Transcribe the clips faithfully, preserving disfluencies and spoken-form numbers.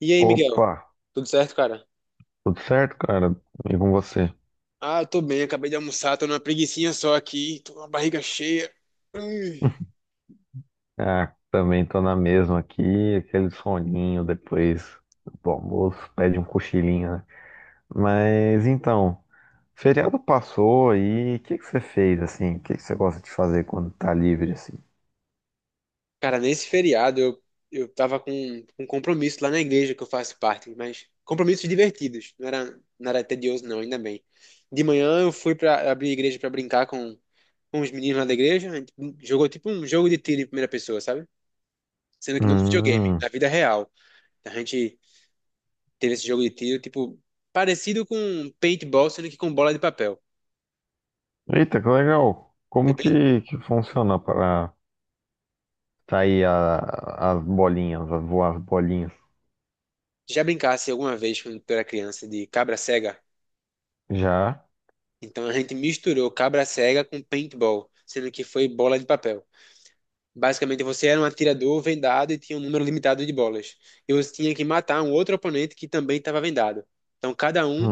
E aí, Miguel? Opa, Tudo certo, cara? tudo certo, cara? E com você? Ah, eu tô bem, acabei de almoçar, tô numa preguicinha só aqui, tô com a barriga cheia. Hum. Ah, também tô na mesma aqui, aquele soninho depois do almoço, pede um cochilinho, né? Mas então, feriado passou aí, o que que você fez assim? O que que você gosta de fazer quando tá livre assim? Cara, nesse feriado eu, eu tava com um compromisso lá na igreja que eu faço parte, mas compromissos divertidos, não era, não era tedioso não, ainda bem. De manhã eu fui pra abrir a igreja pra brincar com, com os meninos lá da igreja, a gente jogou tipo um jogo de tiro em primeira pessoa, sabe? Sendo que não no videogame, Hum, na vida real. A gente teve esse jogo de tiro, tipo, parecido com paintball, sendo que com bola de papel. eita, que legal! Foi Como bem, que, que funciona para sair a- as bolinhas, a voar as bolinhas? Já brincasse alguma vez quando tu era criança de cabra cega? Já? Então a gente misturou cabra cega com paintball, sendo que foi bola de papel. Basicamente você era um atirador vendado e tinha um número limitado de bolas. E você tinha que matar um outro oponente que também estava vendado. Então cada um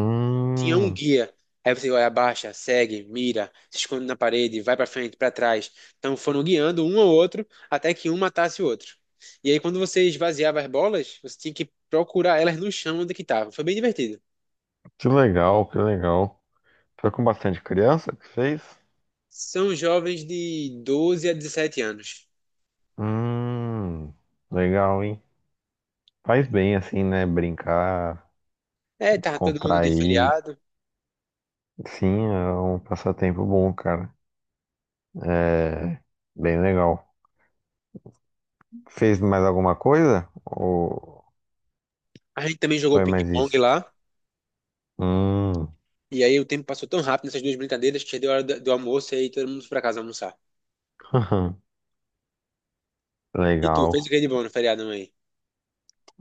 tinha um guia. Aí você vai, abaixa, segue, mira, se esconde na parede, vai pra frente, pra trás. Então foram guiando um ao outro até que um matasse o outro. E aí quando você esvaziava as bolas, você tinha que procurar elas no chão onde que estavam. Foi bem divertido. que legal, que legal. Foi com bastante criança que fez? São jovens de doze a dezessete anos. Hum, legal, hein? Faz bem assim, né? Brincar, É, tava todo mundo de descontrair. feriado. Sim, é um passatempo bom, cara. É bem legal. Fez mais alguma coisa? Ou A gente também jogou foi mais ping-pong isso? lá. Hum, E aí o tempo passou tão rápido nessas duas brincadeiras que já deu hora do, do almoço e aí todo mundo foi pra casa almoçar. E tu, fez o legal. que de bom no feriado, mãe?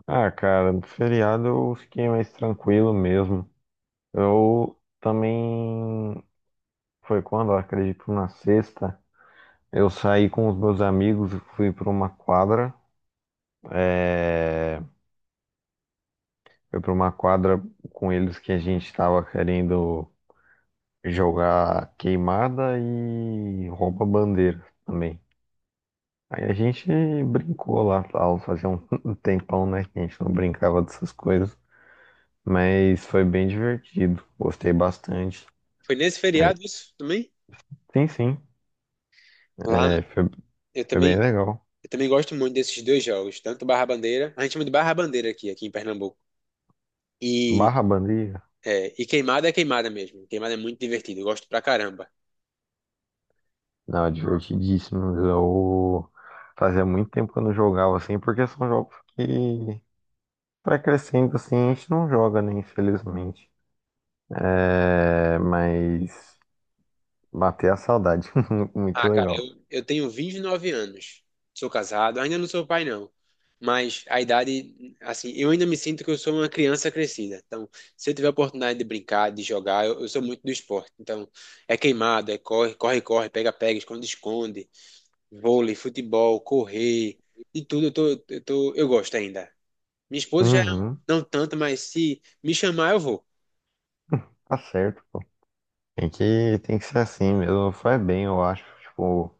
Ah, cara, no feriado eu fiquei mais tranquilo mesmo. Eu também. Foi quando? Eu acredito na sexta. Eu saí com os meus amigos, fui para uma quadra, é, fui para uma quadra com eles que a gente estava querendo jogar queimada e rouba-bandeira também. Aí a gente brincou lá, tal, fazia um um tempão, né, que a gente não brincava dessas coisas, mas foi bem divertido, gostei bastante. Foi nesse Aí, feriado isso também? sim, sim, Lá, é, foi, eu foi bem também, legal. eu também gosto muito desses dois jogos, tanto Barra Bandeira, a gente chama de Barra Bandeira aqui, aqui em Pernambuco. E, Barra bandeira. é, e queimada é queimada mesmo. Queimada é muito divertido, eu gosto pra caramba. Não, é divertidíssimo. Eu fazia muito tempo que eu não jogava assim, porque são jogos que para crescendo assim a gente não joga, né, infelizmente. É, mas bater a saudade, muito Ah, cara, eu, legal. eu tenho vinte e nove anos. Sou casado, ainda não sou pai, não. Mas a idade, assim, eu ainda me sinto que eu sou uma criança crescida. Então, se eu tiver a oportunidade de brincar, de jogar, eu, eu sou muito do esporte. Então, é queimado, é corre, corre, corre, pega, pega, esconde, esconde, vôlei, futebol, correr, de tudo eu tô, eu tô, eu gosto ainda. Minha esposa já Uhum, não tanto, mas se me chamar, eu vou. tá certo, pô. Tem que, tem que ser assim mesmo, faz bem, eu acho, tipo,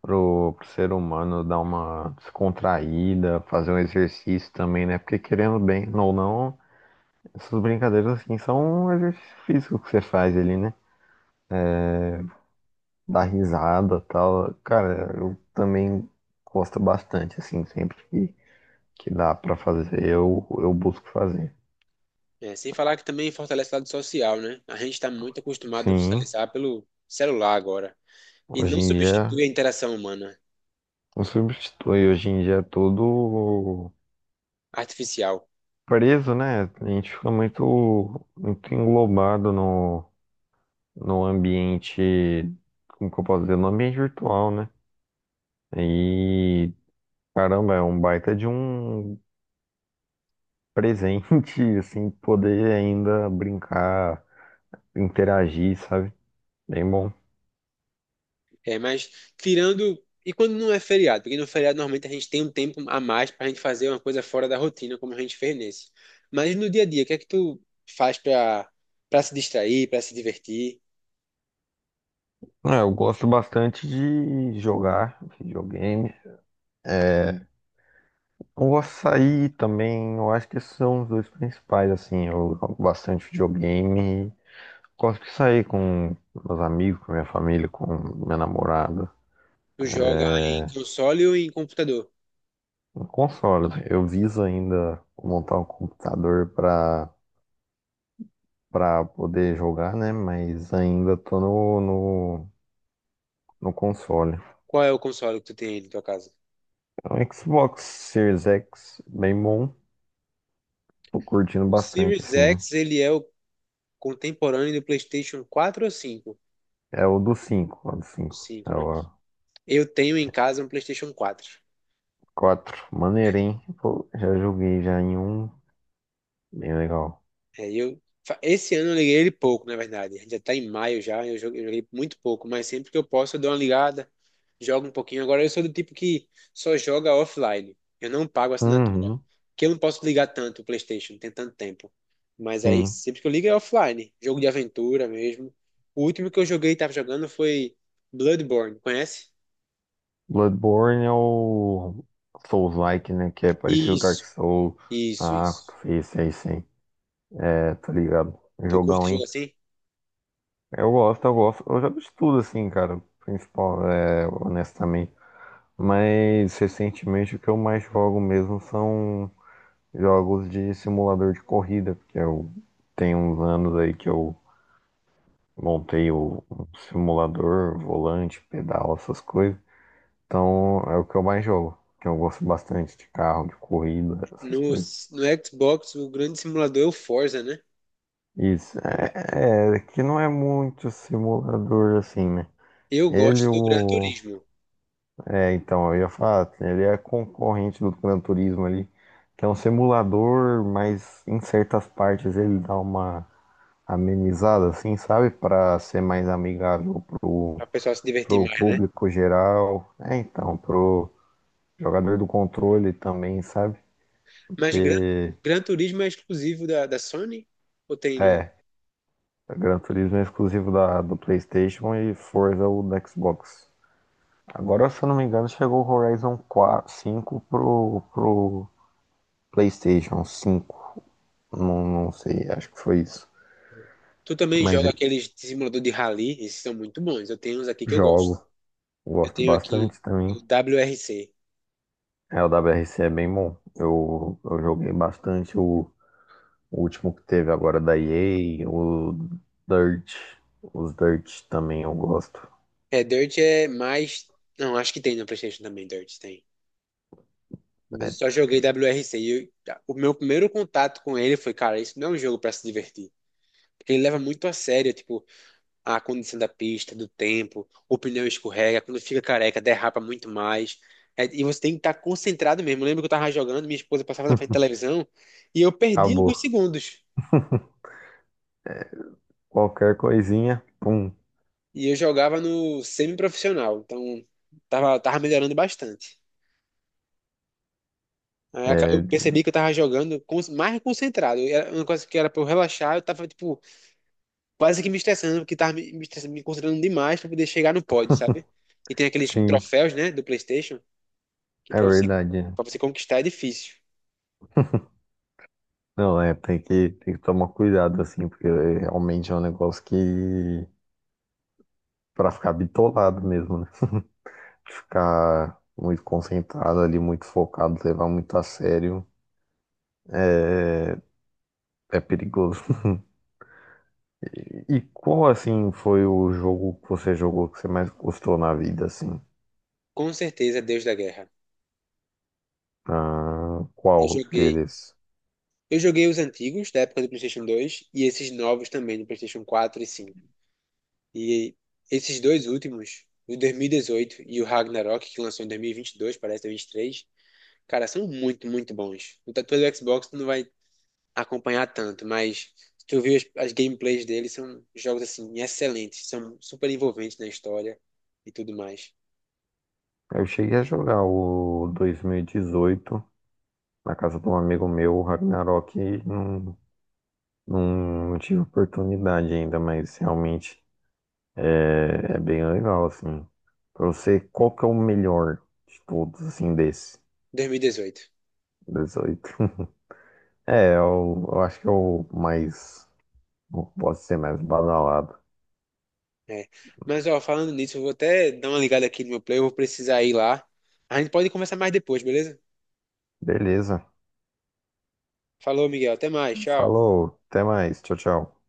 pro, pro ser humano dar uma descontraída, fazer um exercício também, né? Porque querendo bem ou não, essas brincadeiras assim são um exercício físico que você faz ali, né? Dar risada e tal. Cara, eu também gosto bastante, assim, sempre que, que dá pra fazer, eu, eu busco fazer. É, sem falar que também fortalece o lado social, né? A gente está muito acostumado a Sim, socializar pelo celular agora. E não hoje em dia substitui a interação humana, não substitui, hoje em dia é todo artificial. preso, né? A gente fica muito, muito englobado no, no ambiente, como que eu posso dizer, no ambiente virtual, né? E caramba, é um baita de um presente, assim, poder ainda brincar interagir, sabe? Bem bom. É, mas tirando. E quando não é feriado? Porque no feriado normalmente a gente tem um tempo a mais pra gente fazer uma coisa fora da rotina, como a gente fez nesse. Mas no dia a dia, o que é que tu faz pra, pra se distrair, pra se divertir? É, eu gosto bastante de jogar videogame. É, eu gosto de sair também. Eu acho que esses são os dois principais, assim. Eu jogo bastante videogame. Gosto de sair com meus amigos, com minha família, com minha namorada. Tu joga em É, console ou em computador? um console. Eu viso ainda montar um computador para para poder jogar, né? Mas ainda tô no, no, no console. Qual é o console que tu tem aí na tua casa? O Xbox Series X, bem bom. Tô curtindo O bastante, Series assim. X, ele é o contemporâneo do PlayStation quatro ou cinco? É o do cinco, o do O cinco, cinco, é né? o Eu tenho em casa um PlayStation quatro. quatro. Maneiro, hein? Pô, já joguei já em um. Bem legal. É, e eu, fa- esse ano eu liguei ele pouco, na verdade. A gente já tá em maio já, eu jo- eu joguei muito pouco, mas sempre que eu posso eu dou uma ligada, jogo um pouquinho. Agora eu sou do tipo que só joga offline. Eu não pago assinatura. Uhum, Porque eu não posso ligar tanto o PlayStation, não tem tanto tempo. Mas aí sim. sempre que eu ligo é offline, jogo de aventura mesmo. O último que eu joguei e tava jogando foi Bloodborne, conhece? Bloodborne é o Souls-like, né? Que é parecido com Dark Isso, Souls. isso, Ah, isso. esse aí sim. É, tá ligado? Tu curte Jogão, jogo hein? assim? Eu gosto, eu gosto. Eu já vi de tudo, assim, cara. Principal, é, honestamente. Mas recentemente o que eu mais jogo mesmo são jogos de simulador de corrida, porque eu tenho uns anos aí que eu montei o um simulador, volante, pedal, essas coisas. Então é o que eu mais jogo, que eu gosto bastante de carro, de corrida, No, essas coisas. no Xbox, o grande simulador é o Forza, né? Isso, é, é que não é muito simulador assim, né? Eu Ele, gosto do Gran o. Turismo, É, então, eu ia falar, ele é concorrente do Gran Turismo ali, que é um simulador, mas em certas partes ele dá uma amenizada, assim, sabe? Para ser mais amigável pro, para o pessoal se divertir pro mais, né? público geral. É, então, pro jogador do controle também, sabe? Mas Gran, Porque, Gran Turismo é exclusivo da, da Sony? Ou tem no. é, Gran Turismo é exclusivo da, do PlayStation e Forza o do Xbox. Agora, se eu não me engano, chegou o Horizon quatro, cinco pro, pro PlayStation cinco. Não, não sei, acho que foi isso. Tu também Mas joga é, aqueles de simulador de rally? Esses são muito bons. Eu tenho uns aqui que eu jogo, gosto. Eu gosto tenho aqui bastante também. o W R C. É, o W R C é bem bom. Eu, eu joguei bastante o, o último que teve agora da E A, o Dirt. Os Dirt também eu gosto. É, Dirt é mais. Não, acho que tem na PlayStation também, Dirt tem. Mas É, eu só joguei W R C e eu- o meu primeiro contato com ele foi, cara, isso não é um jogo para se divertir. Porque ele leva muito a sério, tipo, a condição da pista, do tempo, o pneu escorrega, quando fica careca, derrapa muito mais. É, e você tem que estar concentrado mesmo. Eu lembro que eu tava jogando, minha esposa passava na frente da televisão e eu perdi acabou. alguns segundos. Qualquer coisinha, pum. E eu jogava no semi-profissional, então tava, tava melhorando bastante. Aí aca- eu É, percebi que eu tava jogando con- mais concentrado. Era uma coisa que era pra eu relaxar, eu tava, tipo, quase que me estressando, porque tava me, me estressando, me concentrando demais pra poder chegar no pódio, sabe? E tem aqueles sim, troféus, né, do PlayStation, que é para você, verdade, né? para você conquistar é difícil. Não, é, tem que, tem que tomar cuidado, assim, porque realmente é um negócio que, pra ficar bitolado mesmo, né? Ficar muito concentrado ali, muito focado, levar muito a sério, é perigoso. E qual assim foi o jogo que você jogou que você mais gostou na vida assim? Com certeza, é Deus da Guerra. Ah, Eu qual joguei, deles? eu joguei os antigos da época do PlayStation dois e esses novos também do PlayStation quatro e cinco. E esses dois últimos, o dois mil e dezoito e o Ragnarok, que lançou em dois mil e e vinte e dois, parece dois mil e e vinte e três, cara, são muito, muito bons. No tatu do Xbox tu não vai acompanhar tanto, mas se tu viu as, as gameplays deles, são jogos assim excelentes, são super envolventes na história e tudo mais. Eu cheguei a jogar o dois mil e dezoito na casa de um amigo meu, o Ragnarok, e não, não, não tive oportunidade ainda, mas realmente é, é bem legal assim. Pra você, qual que é o melhor de todos assim desse Dois mil e dezoito. dezoito? É, eu, eu acho que é o mais, posso ser mais badalado. É. Mas, ó, falando nisso, eu vou até dar uma ligada aqui no meu play, eu vou precisar ir lá. A gente pode conversar mais depois, beleza? Beleza. Falou, Miguel. Até mais. Tchau. Falou, até mais. Tchau, tchau.